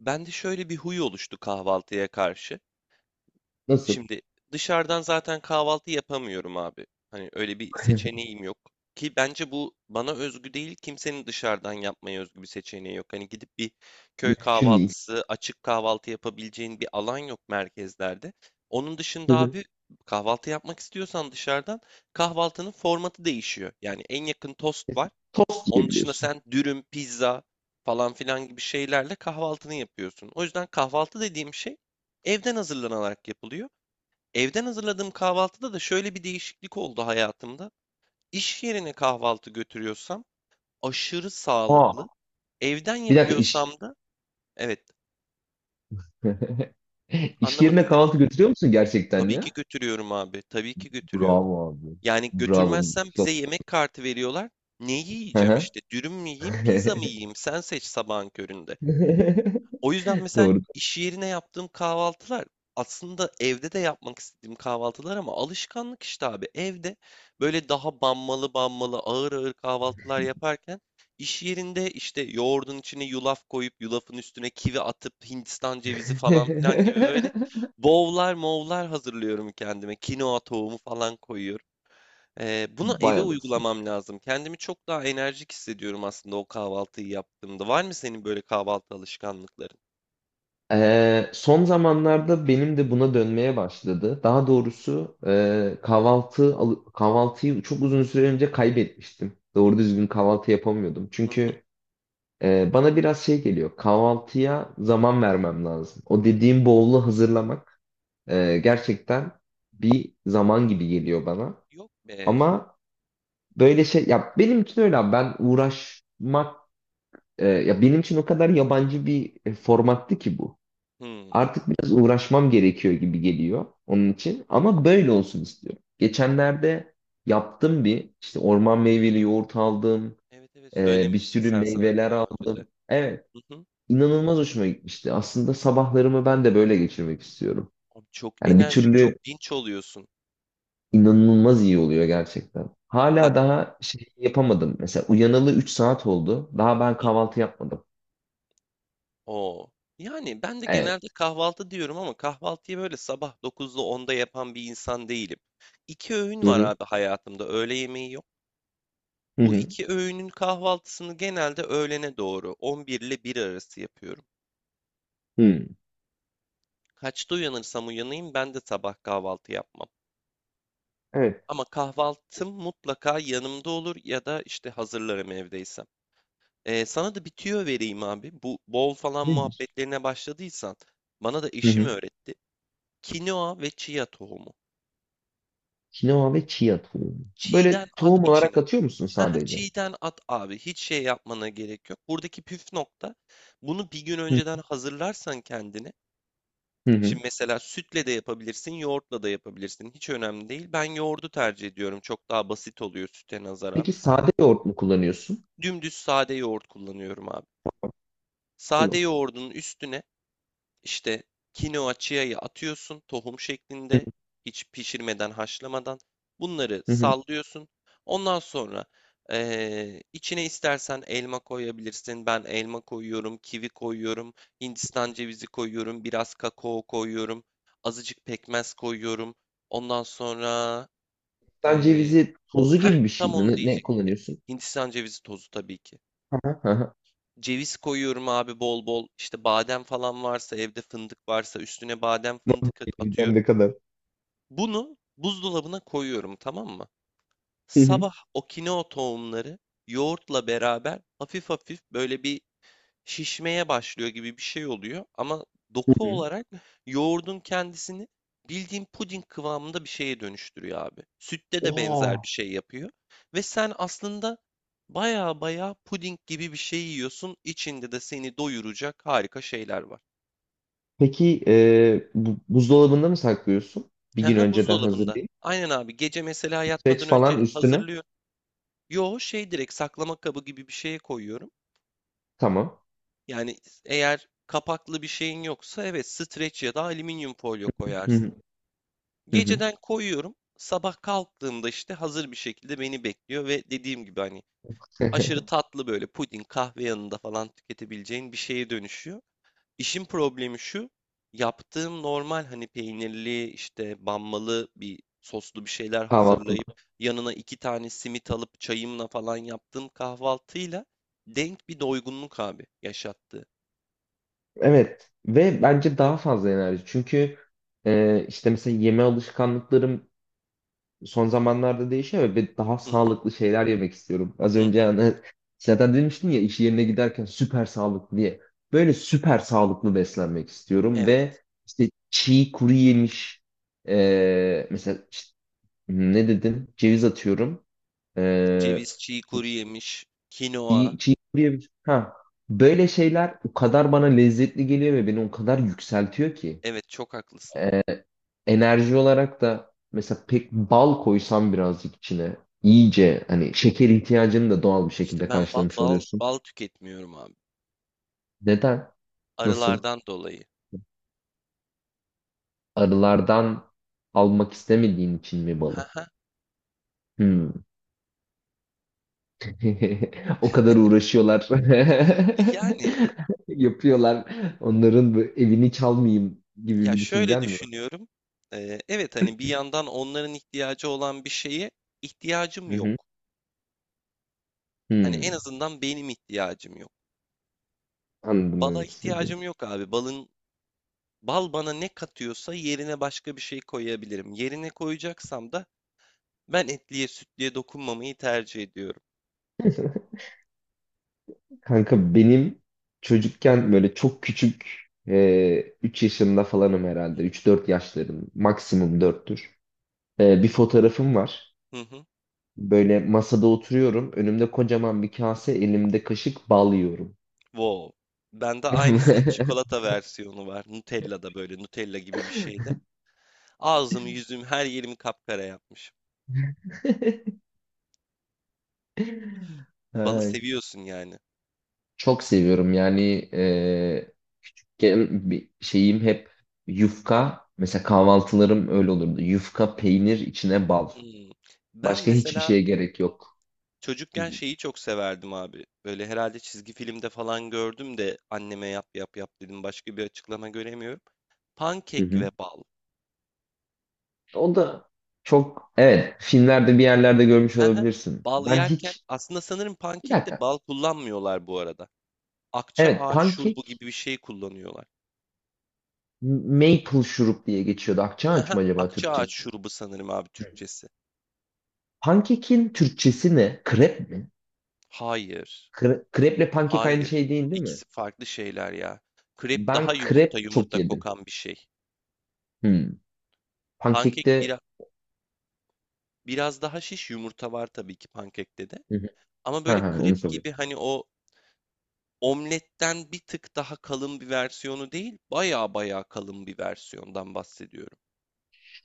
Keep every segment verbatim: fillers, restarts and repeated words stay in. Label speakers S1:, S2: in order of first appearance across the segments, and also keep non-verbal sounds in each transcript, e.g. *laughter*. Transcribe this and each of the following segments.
S1: Bende şöyle bir huy oluştu kahvaltıya karşı.
S2: Nasıl?
S1: Şimdi dışarıdan zaten kahvaltı yapamıyorum abi. Hani öyle bir
S2: *laughs*
S1: seçeneğim yok. Ki bence bu bana özgü değil, kimsenin dışarıdan yapmaya özgü bir seçeneği yok. Hani gidip bir köy
S2: Mümkün değil.
S1: kahvaltısı, açık kahvaltı yapabileceğin bir alan yok merkezlerde. Onun dışında abi kahvaltı yapmak istiyorsan dışarıdan kahvaltının formatı değişiyor. Yani en yakın tost var.
S2: *laughs* Tost
S1: Onun dışında
S2: diyebiliyorsun.
S1: sen dürüm, pizza falan filan gibi şeylerle kahvaltını yapıyorsun. O yüzden kahvaltı dediğim şey evden hazırlanarak yapılıyor. Evden hazırladığım kahvaltıda da şöyle bir değişiklik oldu hayatımda. İş yerine kahvaltı götürüyorsam aşırı
S2: Aa,
S1: sağlıklı. Evden
S2: bir dakika iş...
S1: yapıyorsam da evet
S2: *laughs* İş yerine
S1: anlamadım dedim.
S2: kahvaltı götürüyor musun gerçekten
S1: Tabii ki
S2: ya?
S1: götürüyorum abi. Tabii ki götürüyorum.
S2: Bravo abi.
S1: Yani
S2: Bravo.
S1: götürmezsem bize yemek kartı veriyorlar. Ne
S2: Hı
S1: yiyeceğim
S2: hı.
S1: işte? Dürüm mü yiyeyim, pizza mı
S2: *laughs*
S1: yiyeyim? Sen seç sabahın köründe. O yüzden mesela
S2: Doğru.
S1: iş yerine yaptığım kahvaltılar aslında evde de yapmak istediğim kahvaltılar ama alışkanlık işte abi. Evde böyle daha banmalı banmalı ağır ağır kahvaltılar yaparken iş yerinde işte yoğurdun içine yulaf koyup yulafın üstüne kivi atıp Hindistan cevizi falan filan gibi böyle
S2: *laughs*
S1: bowl'lar mowlar hazırlıyorum kendime. Kinoa tohumu falan koyuyorum. Ee, bunu
S2: Vay
S1: eve
S2: anasını.
S1: uygulamam lazım. Kendimi çok daha enerjik hissediyorum aslında o kahvaltıyı yaptığımda. Var mı senin böyle kahvaltı alışkanlıkların?
S2: Ee, son zamanlarda benim de buna dönmeye başladı. Daha doğrusu e, kahvaltı al- kahvaltıyı çok uzun süre önce kaybetmiştim.
S1: Hı
S2: Doğru
S1: hı,
S2: düzgün kahvaltı yapamıyordum.
S1: hı hı.
S2: Çünkü... Ee, bana biraz şey geliyor. Kahvaltıya zaman vermem lazım. O dediğim bowl'u hazırlamak e, gerçekten bir zaman gibi geliyor bana.
S1: Yok be.
S2: Ama böyle şey ya benim için öyle abi. Ben uğraşmak... e, Ya benim için o kadar yabancı bir e, formattı ki bu.
S1: Hımm.
S2: Artık biraz uğraşmam gerekiyor gibi geliyor onun için. Ama böyle olsun istiyorum. Geçenlerde yaptım bir işte, orman meyveli yoğurt aldım.
S1: Evet, evet,
S2: e, bir
S1: söylemiştin
S2: sürü
S1: sen sanırım
S2: meyveler
S1: daha önce
S2: aldım.
S1: de.
S2: Evet.
S1: Hı hı.
S2: inanılmaz hoşuma gitmişti. Aslında sabahlarımı ben de böyle geçirmek istiyorum.
S1: Abi çok
S2: Yani bir
S1: enerjik, çok
S2: türlü...
S1: dinç oluyorsun.
S2: inanılmaz iyi oluyor gerçekten.
S1: Bak,
S2: Hala daha şey yapamadım. Mesela uyanalı üç saat oldu. Daha
S1: hı
S2: ben
S1: hı.
S2: kahvaltı yapmadım.
S1: O! Yani ben de
S2: Evet.
S1: genelde kahvaltı diyorum ama kahvaltıyı böyle sabah dokuzda onda yapan bir insan değilim. İki öğün
S2: Hı
S1: var
S2: hı.
S1: abi hayatımda, öğle yemeği yok.
S2: Hı
S1: Bu
S2: hı.
S1: iki öğünün kahvaltısını genelde öğlene doğru on bir ile bir arası yapıyorum.
S2: Hı.
S1: Kaçta uyanırsam uyanayım ben de sabah kahvaltı yapmam.
S2: Evet.
S1: Ama kahvaltım mutlaka yanımda olur ya da işte hazırlarım evdeysem. Ee, sana da bir tüyo vereyim abi. Bu bol falan
S2: Nedir?
S1: muhabbetlerine başladıysan bana da
S2: Hı
S1: eşim
S2: hı.
S1: öğretti. Kinoa ve chia tohumu.
S2: Kinoa ve chia tohumu.
S1: Çiğden
S2: Böyle
S1: at
S2: tohum
S1: içine.
S2: olarak atıyor musun
S1: Haha,
S2: sadece?
S1: çiğden at abi. Hiç şey yapmana gerek yok. Buradaki püf nokta bunu bir gün
S2: Hı
S1: önceden hazırlarsan kendine.
S2: hı. Hı.
S1: Şimdi mesela sütle de yapabilirsin, yoğurtla da yapabilirsin. Hiç önemli değil. Ben yoğurdu tercih ediyorum. Çok daha basit oluyor süte nazaran.
S2: Peki sade yoğurt mu kullanıyorsun?
S1: Dümdüz sade yoğurt kullanıyorum abi. Sade
S2: Tamam.
S1: yoğurdun üstüne işte kinoa chia'yı atıyorsun tohum
S2: Hı
S1: şeklinde hiç pişirmeden haşlamadan. Bunları
S2: hı. Hı.
S1: sallıyorsun. Ondan sonra eee, içine istersen elma koyabilirsin. Ben elma koyuyorum, kivi koyuyorum, Hindistan cevizi koyuyorum, biraz kakao koyuyorum, azıcık pekmez koyuyorum. Ondan sonra
S2: Sen
S1: eee
S2: cevizi tozu
S1: heh,
S2: gibi bir şey
S1: tam
S2: mi?
S1: onu
S2: Ne, ne
S1: diyecek.
S2: kullanıyorsun?
S1: Hindistan cevizi tozu tabii ki.
S2: Hı hı. Hı hı.
S1: Ceviz koyuyorum abi bol bol. İşte badem falan varsa, evde fındık varsa üstüne badem
S2: Ne oldu?
S1: fındık at-
S2: Bilmem ne
S1: atıyorum.
S2: kadar.
S1: Bunu buzdolabına koyuyorum, tamam mı? Sabah o kinoa tohumları yoğurtla beraber hafif hafif böyle bir şişmeye başlıyor gibi bir şey oluyor ama
S2: Hı
S1: doku
S2: hı.
S1: olarak yoğurdun kendisini bildiğin puding kıvamında bir şeye dönüştürüyor abi. Sütte de benzer bir
S2: Oo.
S1: şey yapıyor ve sen aslında baya baya puding gibi bir şey yiyorsun. İçinde de seni doyuracak harika şeyler var.
S2: Peki e, bu- buzdolabında mı saklıyorsun?
S1: *laughs*
S2: Bir gün
S1: Haha,
S2: önceden
S1: buzdolabında.
S2: hazırlayıp.
S1: Aynen abi, gece mesela
S2: Seç
S1: yatmadan
S2: falan
S1: önce
S2: üstüne.
S1: hazırlıyorum. Yo şey direkt saklama kabı gibi bir şeye koyuyorum.
S2: Tamam.
S1: Yani eğer kapaklı bir şeyin yoksa evet streç ya da alüminyum folyo
S2: Hı hı.
S1: koyarsın.
S2: Hı hı.
S1: Geceden koyuyorum. Sabah kalktığımda işte hazır bir şekilde beni bekliyor ve dediğim gibi hani aşırı
S2: *laughs*
S1: tatlı böyle puding, kahve yanında falan tüketebileceğin bir şeye dönüşüyor. İşin problemi şu. Yaptığım normal hani peynirli işte banmalı bir soslu bir şeyler
S2: Kahvaltı.
S1: hazırlayıp yanına iki tane simit alıp çayımla falan yaptığım kahvaltıyla denk bir doygunluk abi yaşattı.
S2: Evet. Ve bence daha fazla enerji. Çünkü e, işte mesela yeme alışkanlıklarım son zamanlarda değişiyor ve daha
S1: Hı hı,
S2: sağlıklı şeyler yemek istiyorum. Az
S1: hı
S2: önce
S1: hı.
S2: hani zaten demiştin ya, iş yerine giderken süper sağlıklı diye. Böyle süper sağlıklı beslenmek istiyorum
S1: Evet.
S2: ve işte çiğ kuru yemiş. Eee, mesela işte, hmm, ne dedim? Ceviz atıyorum. Eee
S1: Ceviz, çiğ kuru yemiş,
S2: çiğ,
S1: kinoa.
S2: çiğ kuru yemiş. Ha, böyle şeyler o kadar bana lezzetli geliyor ve beni o kadar yükseltiyor ki.
S1: Evet, çok haklısın.
S2: Enerji olarak da mesela pek bal koysan birazcık içine, iyice hani şeker ihtiyacını da doğal bir
S1: İşte
S2: şekilde
S1: ben ba-
S2: karşılamış
S1: bal
S2: oluyorsun.
S1: bal tüketmiyorum abi.
S2: Neden? Nasıl?
S1: Arılardan dolayı.
S2: Arılardan almak istemediğin için mi balı?
S1: Haha.
S2: Hmm. *laughs* O kadar uğraşıyorlar.
S1: Yani
S2: *laughs* Yapıyorlar. Onların bu evini çalmayayım gibi
S1: ya
S2: bir
S1: şöyle
S2: düşüncen mi var?
S1: düşünüyorum. Ee, evet hani bir yandan onların ihtiyacı olan bir şeye ihtiyacım
S2: Hı hı.
S1: yok. Hani en
S2: Hmm.
S1: azından benim ihtiyacım yok.
S2: Anladım
S1: Bala
S2: demek istediğini.
S1: ihtiyacım yok abi. Balın bal bana ne katıyorsa yerine başka bir şey koyabilirim. Yerine koyacaksam da ben etliye sütlüye dokunmamayı tercih ediyorum.
S2: Kanka benim çocukken böyle çok küçük, e, üç yaşında falanım herhalde. Üç dört yaşlarım. Maksimum dörttür. E, bir fotoğrafım var.
S1: Hı hı.
S2: Böyle masada oturuyorum. Önümde kocaman bir kase, elimde kaşık bal yiyorum.
S1: Wow. Bende aynısının
S2: *laughs*
S1: çikolata versiyonu var. Nutella'da, böyle Nutella gibi bir şeyde. Ağzımı, yüzümü, her yerimi kapkara yapmış. Balı
S2: Ay,
S1: seviyorsun yani.
S2: çok seviyorum yani. E, küçükken bir şeyim hep yufka. Mesela kahvaltılarım öyle olurdu. Yufka, peynir, içine bal.
S1: Hmm. Ben
S2: Başka hiçbir
S1: mesela
S2: şeye gerek yok. Hı
S1: çocukken şeyi çok severdim abi. Böyle herhalde çizgi filmde falan gördüm de anneme yap yap yap dedim. Başka bir açıklama göremiyorum. Pankek ve
S2: hı.
S1: bal.
S2: O da çok, evet, filmlerde bir yerlerde görmüş
S1: *laughs*
S2: olabilirsin.
S1: Bal
S2: Ben
S1: yerken
S2: hiç...
S1: aslında sanırım
S2: Bir
S1: pankekte
S2: dakika.
S1: bal kullanmıyorlar bu arada. Akça
S2: Evet,
S1: ağaç şurubu gibi
S2: pankek
S1: bir şey kullanıyorlar.
S2: maple şurup diye geçiyordu.
S1: *laughs*
S2: Akçaaç
S1: Hıhı.
S2: mı acaba
S1: Akça ağaç
S2: Türkçesi?
S1: şurubu sanırım abi
S2: Hı.
S1: Türkçesi.
S2: Pankekin Türkçesi ne? Krep mi?
S1: Hayır.
S2: Kre- kreple pankek aynı
S1: Hayır.
S2: şey değil, değil mi?
S1: İkisi farklı şeyler ya. Krep daha
S2: Ben
S1: yumurta
S2: krep çok
S1: yumurta
S2: yedim.
S1: kokan bir şey.
S2: Hmm.
S1: Pankek
S2: Pankekte...
S1: bira, biraz daha şiş, yumurta var tabii ki pankekte de.
S2: Hı hı.
S1: Ama böyle
S2: Ha, ha, onu
S1: krep
S2: soruyorum.
S1: gibi hani o omletten bir tık daha kalın bir versiyonu değil, baya baya kalın bir versiyondan bahsediyorum.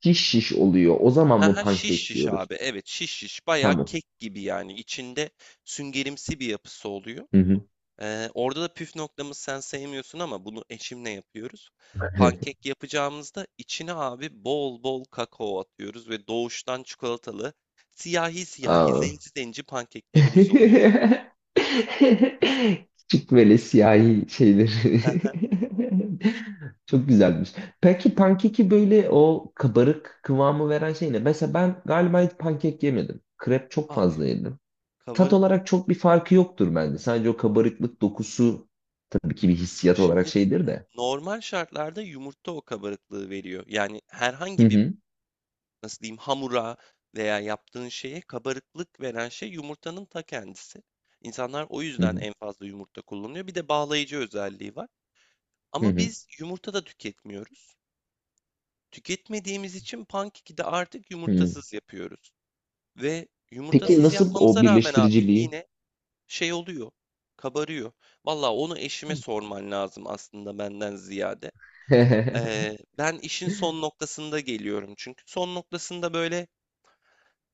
S2: Şiş şiş oluyor. O zaman
S1: Ha
S2: mı
S1: ha, şiş
S2: pankek
S1: şiş
S2: diyoruz?
S1: abi. Evet, şiş şiş. Baya
S2: Tamam.
S1: kek gibi yani. İçinde süngerimsi bir yapısı oluyor.
S2: Hı hı.
S1: Ee, orada da püf noktamız, sen sevmiyorsun ama bunu eşimle yapıyoruz. Pankek yapacağımızda içine abi bol bol kakao atıyoruz ve doğuştan çikolatalı siyahi
S2: *laughs*
S1: siyahi
S2: Aa,
S1: zenci zenci pankeklerimiz oluyor.
S2: *laughs* küçük böyle siyahi şeyleri.
S1: *laughs*
S2: *laughs* Çok güzelmiş. Peki pankeki böyle o kabarık kıvamı veren şey ne? Mesela ben galiba hiç pankek yemedim. Krep çok fazla
S1: Abi
S2: yedim. Tat
S1: kabarık,
S2: olarak çok bir farkı yoktur bence. Sadece o kabarıklık dokusu tabii ki bir hissiyat olarak
S1: şimdi
S2: şeydir de.
S1: normal şartlarda yumurta o kabarıklığı veriyor. Yani
S2: Hı
S1: herhangi bir
S2: hı.
S1: nasıl diyeyim hamura veya yaptığın şeye kabarıklık veren şey yumurtanın ta kendisi. İnsanlar o
S2: Hı
S1: yüzden
S2: hı.
S1: en fazla yumurta kullanıyor. Bir de bağlayıcı özelliği var.
S2: Hı
S1: Ama
S2: hı.
S1: biz yumurta da tüketmiyoruz. Tüketmediğimiz için pankeki de artık
S2: Hı.
S1: yumurtasız yapıyoruz. Ve
S2: Peki
S1: yumurtasız
S2: nasıl o
S1: yapmamıza rağmen abi
S2: birleştiriciliği?
S1: yine şey oluyor, kabarıyor. Valla onu eşime sorman lazım aslında benden ziyade.
S2: *laughs* Hı
S1: Ee, ben işin son noktasında geliyorum. Çünkü son noktasında böyle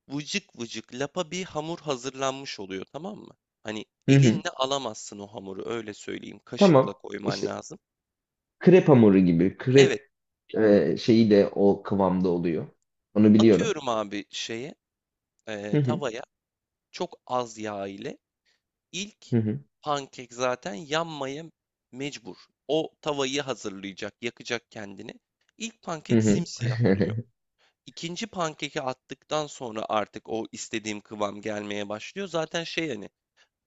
S1: vıcık vıcık lapa bir hamur hazırlanmış oluyor, tamam mı? Hani
S2: hı.
S1: elinle alamazsın o hamuru, öyle söyleyeyim. Kaşıkla
S2: Tamam.
S1: koyman
S2: İşte
S1: lazım.
S2: krep hamuru gibi,
S1: Evet,
S2: krep e, şeyi de o kıvamda oluyor. Onu biliyorum.
S1: atıyorum abi şeye, e,
S2: Hı hı
S1: tavaya. Çok az yağ ile ilk
S2: hı hı
S1: pankek zaten yanmaya mecbur. O tavayı hazırlayacak, yakacak kendini. İlk
S2: hı
S1: pankek
S2: hı.
S1: simsiyah oluyor.
S2: *laughs*
S1: İkinci pankeki attıktan sonra artık o istediğim kıvam gelmeye başlıyor. Zaten şey hani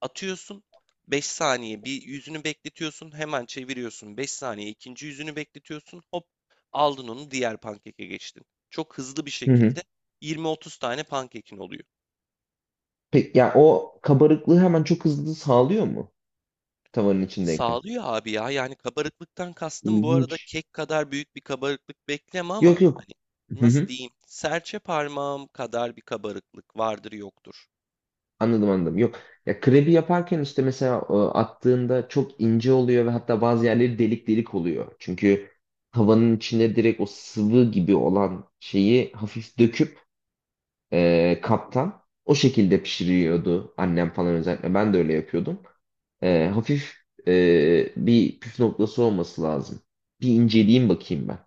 S1: atıyorsun beş saniye bir yüzünü bekletiyorsun, hemen çeviriyorsun beş saniye ikinci yüzünü bekletiyorsun, hop aldın onu, diğer pankeke geçtin. Çok hızlı bir
S2: Hı hı.
S1: şekilde yirmi otuz tane pankekin oluyor.
S2: Peki ya o kabarıklığı hemen çok hızlı sağlıyor mu tavanın içindeyken?
S1: Sağlıyor abi ya. Yani kabarıklıktan kastım bu arada
S2: İlginç.
S1: kek kadar büyük bir kabarıklık bekleme ama
S2: Yok yok.
S1: hani
S2: Hı
S1: nasıl
S2: hı.
S1: diyeyim? Serçe parmağım kadar bir kabarıklık vardır yoktur.
S2: Anladım anladım. Yok. Ya krebi yaparken işte mesela e, attığında çok ince oluyor ve hatta bazı yerleri delik delik oluyor. Çünkü tavanın içine direkt o sıvı gibi olan şeyi hafif döküp e, kaptan o şekilde pişiriyordu annem falan özellikle. Ben de öyle yapıyordum. E, hafif e, bir püf noktası olması lazım. Bir inceleyeyim bakayım ben.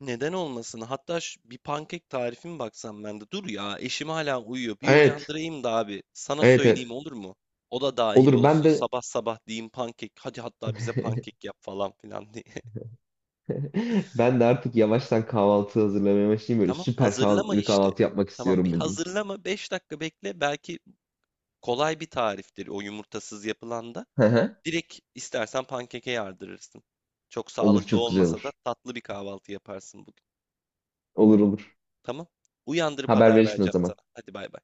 S1: Neden olmasın? Hatta ş- bir pankek tarifim baksam ben de. Dur ya, eşim hala uyuyor. Bir
S2: Evet,
S1: uyandırayım da abi. Sana
S2: evet,
S1: söyleyeyim,
S2: evet.
S1: olur mu? O da dahil
S2: Olur, ben
S1: olsun.
S2: de...
S1: Sabah sabah diyeyim pankek. Hadi hatta bize pankek
S2: *laughs*
S1: yap falan filan diye. *laughs*
S2: Ben de artık yavaştan kahvaltı hazırlamaya başlayayım. Böyle
S1: Tamam,
S2: süper
S1: hazırlama
S2: sağlıklı bir
S1: işte.
S2: kahvaltı yapmak
S1: Tamam, bir
S2: istiyorum bugün.
S1: hazırlama. Beş dakika bekle. Belki kolay bir tariftir o yumurtasız yapılan da.
S2: *laughs* Hı hı.
S1: Direkt istersen pankeke yardırırsın. Çok
S2: Olur,
S1: sağlıklı
S2: çok güzel
S1: olmasa da
S2: olur.
S1: tatlı bir kahvaltı yaparsın bugün.
S2: Olur olur.
S1: Tamam. Uyandırıp
S2: Haber
S1: haber
S2: verirsin o
S1: vereceğim
S2: zaman.
S1: sana. Hadi, bay bay.